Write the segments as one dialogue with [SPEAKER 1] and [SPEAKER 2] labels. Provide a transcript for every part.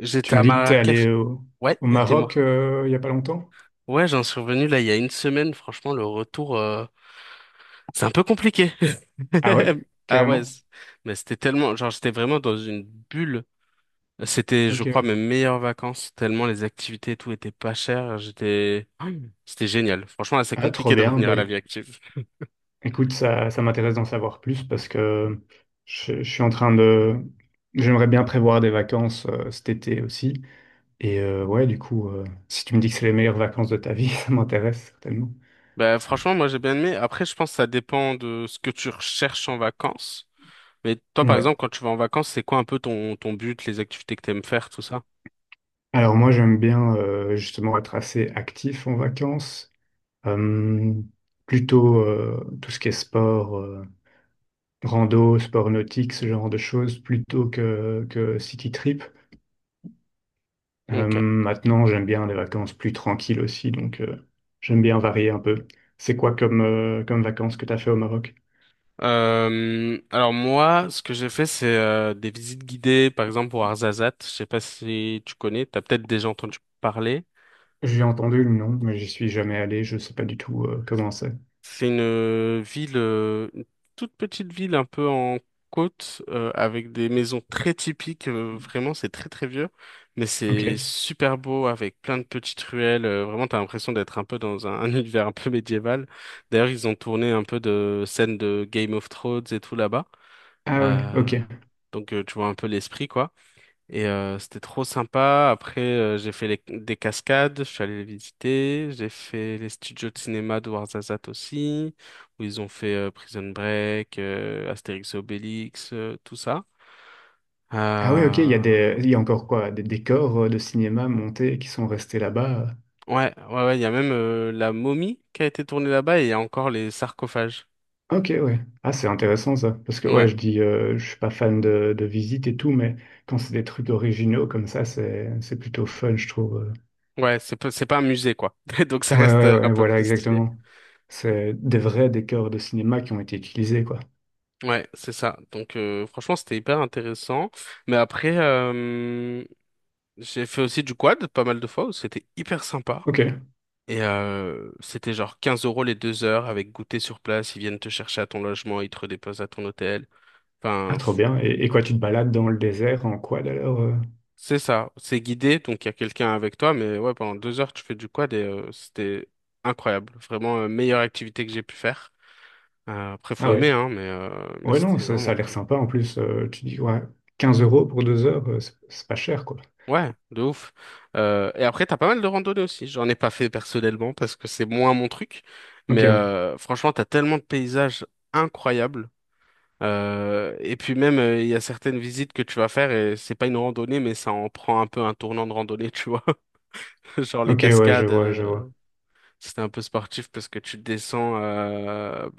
[SPEAKER 1] J'étais
[SPEAKER 2] Tu m'as
[SPEAKER 1] à
[SPEAKER 2] dit que t'es
[SPEAKER 1] Marrakech.
[SPEAKER 2] allé au,
[SPEAKER 1] Ouais,
[SPEAKER 2] au
[SPEAKER 1] dis-moi.
[SPEAKER 2] Maroc il y a pas longtemps?
[SPEAKER 1] Ouais, j'en suis revenu là il y a une semaine. Franchement, le retour, c'est un peu compliqué.
[SPEAKER 2] Ah ouais?
[SPEAKER 1] Ah ouais,
[SPEAKER 2] Carrément?
[SPEAKER 1] mais c'était tellement, genre j'étais vraiment dans une bulle. C'était, je
[SPEAKER 2] Ok,
[SPEAKER 1] crois,
[SPEAKER 2] ouais.
[SPEAKER 1] mes meilleures vacances, tellement les activités et tout étaient pas chères. J'étais, c'était génial. Franchement, là, c'est
[SPEAKER 2] Ah, trop
[SPEAKER 1] compliqué de
[SPEAKER 2] bien.
[SPEAKER 1] revenir à
[SPEAKER 2] Bah,
[SPEAKER 1] la vie active.
[SPEAKER 2] écoute, ça m'intéresse d'en savoir plus parce que je suis en train de... J'aimerais bien prévoir des vacances cet été aussi. Et ouais, du coup, si tu me dis que c'est les meilleures vacances de ta vie, ça m'intéresse certainement.
[SPEAKER 1] Bah, franchement, moi, j'ai bien aimé. Après, je pense que ça dépend de ce que tu recherches en vacances. Mais toi, par
[SPEAKER 2] Ouais.
[SPEAKER 1] exemple, quand tu vas en vacances, c'est quoi un peu ton but, les activités que tu aimes faire, tout ça?
[SPEAKER 2] Alors moi, j'aime bien justement être assez actif en vacances. Euh, Plutôt tout ce qui est sport. Rando, sport nautique, ce genre de choses, plutôt que city trip.
[SPEAKER 1] Ok.
[SPEAKER 2] Maintenant, j'aime bien les vacances plus tranquilles aussi, donc j'aime bien varier un peu. C'est quoi comme, comme vacances que tu as fait au Maroc?
[SPEAKER 1] Alors moi, ce que j'ai fait, c'est des visites guidées, par exemple pour Arzazat. Je sais pas si tu connais, t'as peut-être déjà entendu parler.
[SPEAKER 2] J'ai entendu le nom, mais j'y suis jamais allé, je sais pas du tout comment c'est.
[SPEAKER 1] C'est une ville, une toute petite ville, un peu en côte, avec des maisons très typiques. Euh, vraiment, c'est très très vieux, mais
[SPEAKER 2] Ok.
[SPEAKER 1] c'est super beau avec plein de petites ruelles. Euh, vraiment, t'as l'impression d'être un peu dans un, un univers un peu médiéval. D'ailleurs, ils ont tourné un peu de scènes de Game of Thrones et tout là-bas.
[SPEAKER 2] Ah ouais, ok.
[SPEAKER 1] Euh, tu vois un peu l'esprit quoi. Et c'était trop sympa. Après j'ai fait des cascades, je suis allé les visiter. J'ai fait les studios de cinéma de Warzazat aussi, où ils ont fait Prison Break, Astérix et Obélix, tout ça.
[SPEAKER 2] Ah ouais, ok, il y a
[SPEAKER 1] Euh,
[SPEAKER 2] il y a encore quoi, des décors de cinéma montés qui sont restés là-bas.
[SPEAKER 1] Ouais, ouais, ouais, il y a même la momie qui a été tournée là-bas et il y a encore les sarcophages.
[SPEAKER 2] Ok, ouais. Ah, c'est intéressant ça. Parce que, ouais,
[SPEAKER 1] Ouais,
[SPEAKER 2] je dis, je suis pas fan de visite et tout, mais quand c'est des trucs originaux comme ça, c'est plutôt fun, je trouve.
[SPEAKER 1] ouais, c'est pas un musée quoi. Donc ça
[SPEAKER 2] Ouais,
[SPEAKER 1] reste
[SPEAKER 2] ouais,
[SPEAKER 1] un
[SPEAKER 2] ouais,
[SPEAKER 1] peu
[SPEAKER 2] voilà,
[SPEAKER 1] plus stylé.
[SPEAKER 2] exactement. C'est des vrais décors de cinéma qui ont été utilisés, quoi.
[SPEAKER 1] Ouais, c'est ça. Donc franchement, c'était hyper intéressant. Mais après, j'ai fait aussi du quad pas mal de fois. Où C'était hyper sympa.
[SPEAKER 2] Ok.
[SPEAKER 1] Et c'était genre 15 € les 2 heures avec goûter sur place. Ils viennent te chercher à ton logement, ils te redéposent à ton hôtel.
[SPEAKER 2] Ah,
[SPEAKER 1] Enfin,
[SPEAKER 2] trop
[SPEAKER 1] f-
[SPEAKER 2] bien. Et quoi, tu te balades dans le désert en quad alors?
[SPEAKER 1] c'est ça. C'est guidé, donc il y a quelqu'un avec toi. Mais ouais, pendant 2 heures, tu fais du quad et c'était incroyable. Vraiment, meilleure activité que j'ai pu faire. Après, faut
[SPEAKER 2] Ah,
[SPEAKER 1] aimer,
[SPEAKER 2] ouais.
[SPEAKER 1] hein, mais
[SPEAKER 2] Ouais, non,
[SPEAKER 1] c'était
[SPEAKER 2] ça
[SPEAKER 1] vraiment
[SPEAKER 2] a l'air
[SPEAKER 1] cool.
[SPEAKER 2] sympa en plus. Tu dis, ouais, 15 euros pour 2 heures, c'est pas cher, quoi.
[SPEAKER 1] Ouais, de ouf. Et après, t'as pas mal de randonnées aussi. J'en ai pas fait personnellement parce que c'est moins mon truc.
[SPEAKER 2] Ok,
[SPEAKER 1] Mais
[SPEAKER 2] ouais.
[SPEAKER 1] franchement, t'as tellement de paysages incroyables. Et puis même, il y a certaines visites que tu vas faire et c'est pas une randonnée, mais ça en prend un peu un tournant de randonnée, tu vois. Genre les
[SPEAKER 2] Ok, ouais, je
[SPEAKER 1] cascades,
[SPEAKER 2] vois, je vois.
[SPEAKER 1] c'était un peu sportif parce que tu descends,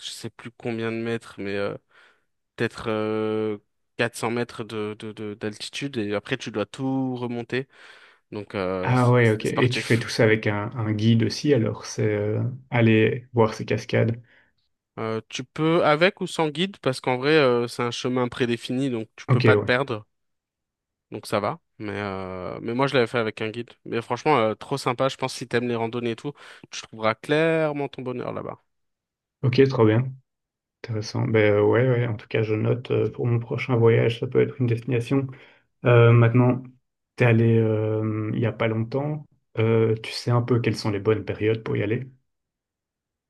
[SPEAKER 1] je sais plus combien de mètres, mais peut-être 400 mètres d'altitude et après tu dois tout remonter. Donc,
[SPEAKER 2] Ah ouais,
[SPEAKER 1] c'était
[SPEAKER 2] ok. Et tu fais
[SPEAKER 1] sportif.
[SPEAKER 2] tout ça avec un guide aussi, alors c'est aller voir ces cascades.
[SPEAKER 1] Tu peux avec ou sans guide, parce qu'en vrai, c'est un chemin prédéfini, donc tu peux
[SPEAKER 2] Ok,
[SPEAKER 1] pas te
[SPEAKER 2] ouais.
[SPEAKER 1] perdre. Donc ça va. Mais moi, je l'avais fait avec un guide. Mais franchement, trop sympa. Je pense que si t'aimes les randonnées et tout, tu trouveras clairement ton bonheur là-bas.
[SPEAKER 2] Ok, trop bien. Intéressant. Ben ouais, ouais, en tout cas, je note pour mon prochain voyage, ça peut être une destination. Maintenant, t'es allé il y a pas longtemps. Tu sais un peu quelles sont les bonnes périodes pour y aller?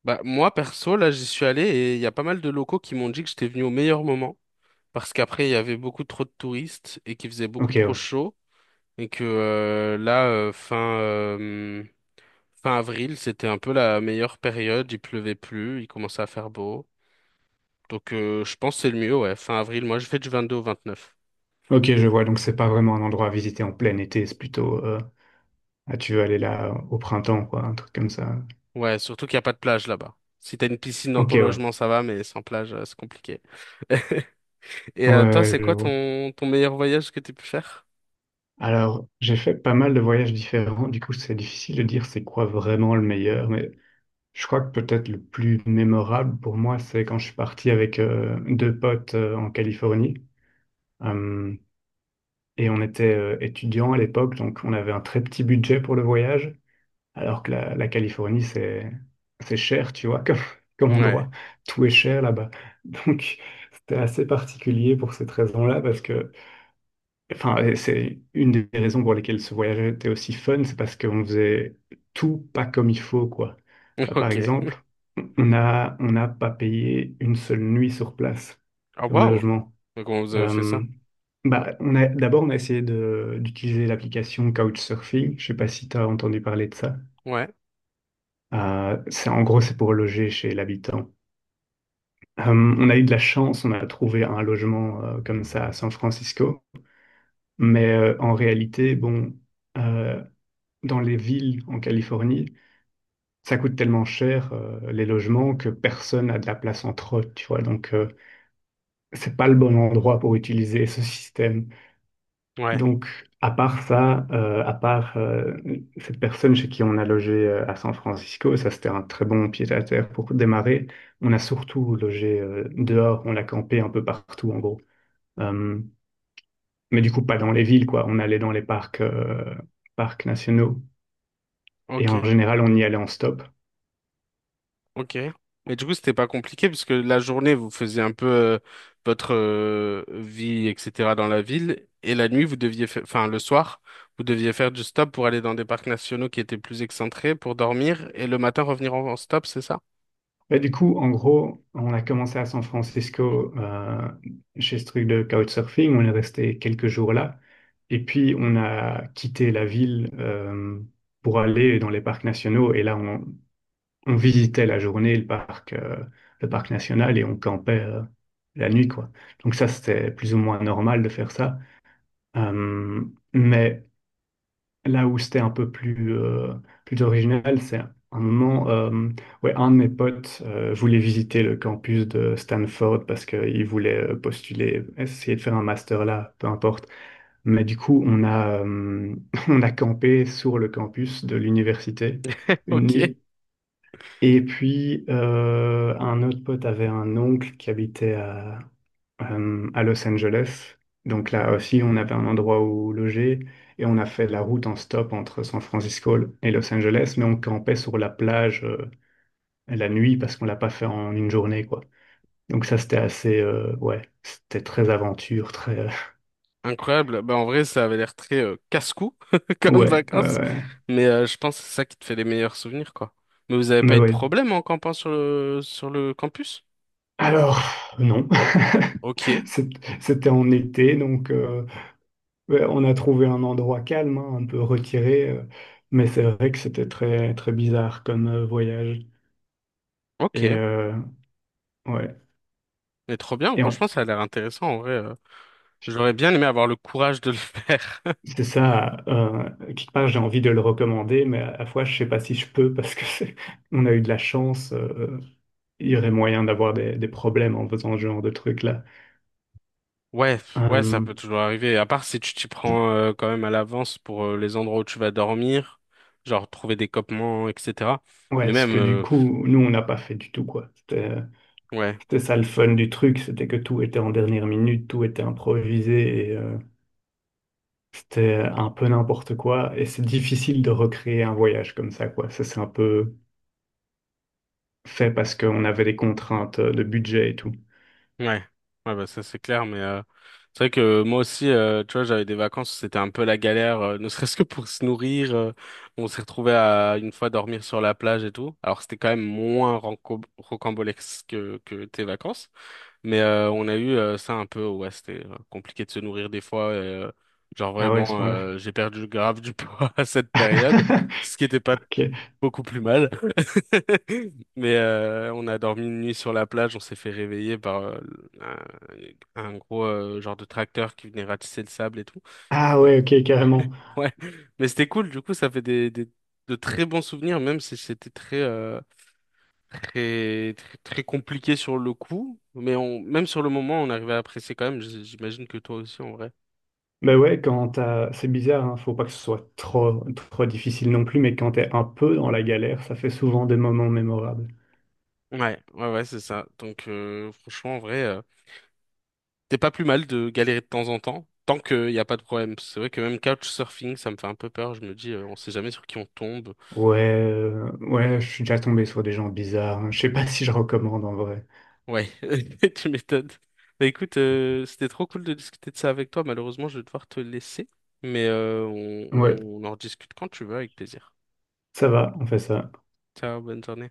[SPEAKER 1] Bah, moi, perso, là, j'y suis allé et il y a pas mal de locaux qui m'ont dit que j'étais venu au meilleur moment. Parce qu'après, il y avait beaucoup trop de touristes et qu'il faisait beaucoup
[SPEAKER 2] Ok,
[SPEAKER 1] trop
[SPEAKER 2] ouais.
[SPEAKER 1] chaud. Et que euh, là, euh, fin, euh, Fin avril, c'était un peu la meilleure période, il pleuvait plus, il commençait à faire beau. Donc je pense que c'est le mieux, ouais. Fin avril, moi je fais du 22 au 29.
[SPEAKER 2] Ok, je vois. Donc c'est pas vraiment un endroit à visiter en plein été, c'est plutôt ah, tu veux aller là au printemps, quoi, un truc comme ça.
[SPEAKER 1] Ouais, surtout qu'il n'y a pas de plage là-bas. Si t'as une piscine dans
[SPEAKER 2] Ok,
[SPEAKER 1] ton
[SPEAKER 2] ouais.
[SPEAKER 1] logement, ça va, mais sans plage, c'est compliqué. Et
[SPEAKER 2] Ouais,
[SPEAKER 1] toi,
[SPEAKER 2] ouais,
[SPEAKER 1] c'est
[SPEAKER 2] je
[SPEAKER 1] quoi
[SPEAKER 2] vois.
[SPEAKER 1] ton meilleur voyage que t'as pu faire?
[SPEAKER 2] Alors, j'ai fait pas mal de voyages différents, du coup c'est difficile de dire c'est quoi vraiment le meilleur, mais je crois que peut-être le plus mémorable pour moi, c'est quand je suis parti avec deux potes en Californie. Euh, et on était étudiants à l'époque, donc on avait un très petit budget pour le voyage, alors que la Californie, c'est cher, tu vois, comme, comme
[SPEAKER 1] Ouais,
[SPEAKER 2] endroit. Tout est cher là-bas. Donc c'était assez particulier pour cette raison-là, parce que enfin, et c'est une des raisons pour lesquelles ce voyage était aussi fun, c'est parce qu'on faisait tout pas comme il faut, quoi. Par
[SPEAKER 1] ok.
[SPEAKER 2] exemple, on n'a pas payé une seule nuit sur place
[SPEAKER 1] Ah
[SPEAKER 2] comme
[SPEAKER 1] waouh!
[SPEAKER 2] logement.
[SPEAKER 1] Comment vous avez fait
[SPEAKER 2] Euh,
[SPEAKER 1] ça?
[SPEAKER 2] Bah, d'abord, on a essayé d'utiliser l'application Couchsurfing. Je sais pas si tu as entendu parler de ça.
[SPEAKER 1] Ouais,
[SPEAKER 2] C'est, en gros, c'est pour loger chez l'habitant. On a eu de la chance, on a trouvé un logement comme ça à San Francisco. Mais en réalité, bon, euh, dans les villes en Californie, ça coûte tellement cher les logements que personne n'a de la place entre eux, tu vois. Donc, c'est pas le bon endroit pour utiliser ce système.
[SPEAKER 1] ouais,
[SPEAKER 2] Donc, à part ça, à part cette personne chez qui on a logé à San Francisco, ça c'était un très bon pied-à-terre pour démarrer. On a surtout logé dehors, on a campé un peu partout en gros. Euh, mais du coup, pas dans les villes, quoi. On allait dans les parcs, parcs nationaux. Et en
[SPEAKER 1] ok.
[SPEAKER 2] général, on y allait en stop.
[SPEAKER 1] Ok. Mais du coup, c'était pas compliqué parce que la journée, vous faisiez un peu votre vie, etc. dans la ville. Et la nuit, vous deviez faire, enfin, le soir, vous deviez faire du stop pour aller dans des parcs nationaux qui étaient plus excentrés pour dormir et le matin revenir en stop, c'est ça?
[SPEAKER 2] Bah, du coup, en gros, on a commencé à San Francisco chez ce truc de couchsurfing. On est resté quelques jours là. Et puis, on a quitté la ville pour aller dans les parcs nationaux. Et là, on visitait la journée le parc national et on campait la nuit, quoi. Donc ça, c'était plus ou moins normal de faire ça. Euh, mais là où c'était un peu plus, plus original, c'est un moment, ouais, un de mes potes voulait visiter le campus de Stanford parce qu'il voulait postuler, essayer de faire un master là, peu importe. Mais du coup, on a campé sur le campus de l'université une
[SPEAKER 1] Ok.
[SPEAKER 2] nuit. Et puis, un autre pote avait un oncle qui habitait à Los Angeles. Donc là aussi, on avait un endroit où loger et on a fait la route en stop entre San Francisco et Los Angeles, mais on campait sur la plage la nuit parce qu'on l'a pas fait en une journée, quoi. Donc ça, c'était assez, ouais, c'était très aventure, très,
[SPEAKER 1] Incroyable. Bah, en vrai, ça avait l'air très casse-cou comme
[SPEAKER 2] ouais, ouais,
[SPEAKER 1] vacances.
[SPEAKER 2] ouais,
[SPEAKER 1] Mais je pense que c'est ça qui te fait les meilleurs souvenirs, quoi. Mais vous avez pas
[SPEAKER 2] mais
[SPEAKER 1] eu de
[SPEAKER 2] ouais.
[SPEAKER 1] problème en campant sur le campus?
[SPEAKER 2] Alors, non,
[SPEAKER 1] Ok.
[SPEAKER 2] C'est- c'était en été, donc ouais, on a trouvé un endroit calme, hein, un peu retiré, mais c'est vrai que c'était très, très bizarre comme voyage. Et
[SPEAKER 1] Ok.
[SPEAKER 2] ouais.
[SPEAKER 1] Mais trop bien,
[SPEAKER 2] Et
[SPEAKER 1] franchement, ça a l'air intéressant en vrai. J'aurais bien aimé avoir le courage de le faire.
[SPEAKER 2] c'est ça, quelque part, j'ai envie de le recommander, mais à la fois, je sais pas si je peux parce que on a eu de la chance. Il y aurait moyen d'avoir des problèmes en faisant ce genre de truc-là.
[SPEAKER 1] Ouais, ouais, ça
[SPEAKER 2] Euh,
[SPEAKER 1] peut toujours arriver. À part si tu t'y prends quand même à l'avance pour les endroits où tu vas dormir, genre trouver des campements, etc. Mais
[SPEAKER 2] ouais, ce
[SPEAKER 1] même,
[SPEAKER 2] que du coup, nous, on n'a pas fait du tout, quoi.
[SPEAKER 1] ouais,
[SPEAKER 2] C'était ça le fun du truc, c'était que tout était en dernière minute, tout était improvisé et c'était un peu n'importe quoi. Et c'est difficile de recréer un voyage comme ça, quoi. Ça, c'est un peu fait parce qu'on avait des contraintes de budget et tout.
[SPEAKER 1] ouais, ouais, bah ça c'est clair. Mais c'est vrai que moi aussi, tu vois, j'avais des vacances, où c'était un peu la galère, ne serait-ce que pour se nourrir. On s'est retrouvé à une fois dormir sur la plage et tout. Alors c'était quand même moins rocambolesque que tes vacances. Mais on a eu ça un peu, ouais, c'était compliqué de se nourrir des fois. Genre
[SPEAKER 2] Ah ouais, à ce
[SPEAKER 1] vraiment,
[SPEAKER 2] moment-là.
[SPEAKER 1] j'ai perdu grave du poids à cette période, ce qui était pas
[SPEAKER 2] Ok.
[SPEAKER 1] beaucoup plus mal. Mais on a dormi une nuit sur la plage, on s'est fait réveiller par un, un gros genre de tracteur qui venait ratisser le sable et tout.
[SPEAKER 2] Ah
[SPEAKER 1] Oui.
[SPEAKER 2] ouais, ok, carrément.
[SPEAKER 1] Ouais, mais c'était cool, du coup, ça fait de très bons souvenirs, même si c'était très, très, très compliqué sur le coup, mais on, même sur le moment, on arrivait à apprécier quand même. J'imagine que toi aussi, en vrai.
[SPEAKER 2] Mais ouais, quand t'as... C'est bizarre, hein, faut pas que ce soit trop, trop difficile non plus, mais quand t'es un peu dans la galère, ça fait souvent des moments mémorables.
[SPEAKER 1] Ouais, ouais, ouais, c'est ça. Donc, franchement, en vrai, t'es pas plus mal de galérer de temps en temps, tant qu'il n'y a pas de problème. C'est vrai que même couchsurfing, ça me fait un peu peur. Je me dis, on sait jamais sur qui on tombe.
[SPEAKER 2] Ouais, ouais, je suis déjà tombé sur des gens bizarres, hein. Je sais pas si je recommande en vrai.
[SPEAKER 1] Ouais, tu m'étonnes. Bah écoute, c'était trop cool de discuter de ça avec toi. Malheureusement, je vais devoir te laisser, mais
[SPEAKER 2] Ouais,
[SPEAKER 1] on en rediscute quand tu veux, avec plaisir.
[SPEAKER 2] ça va, on fait ça.
[SPEAKER 1] Ciao, bonne journée.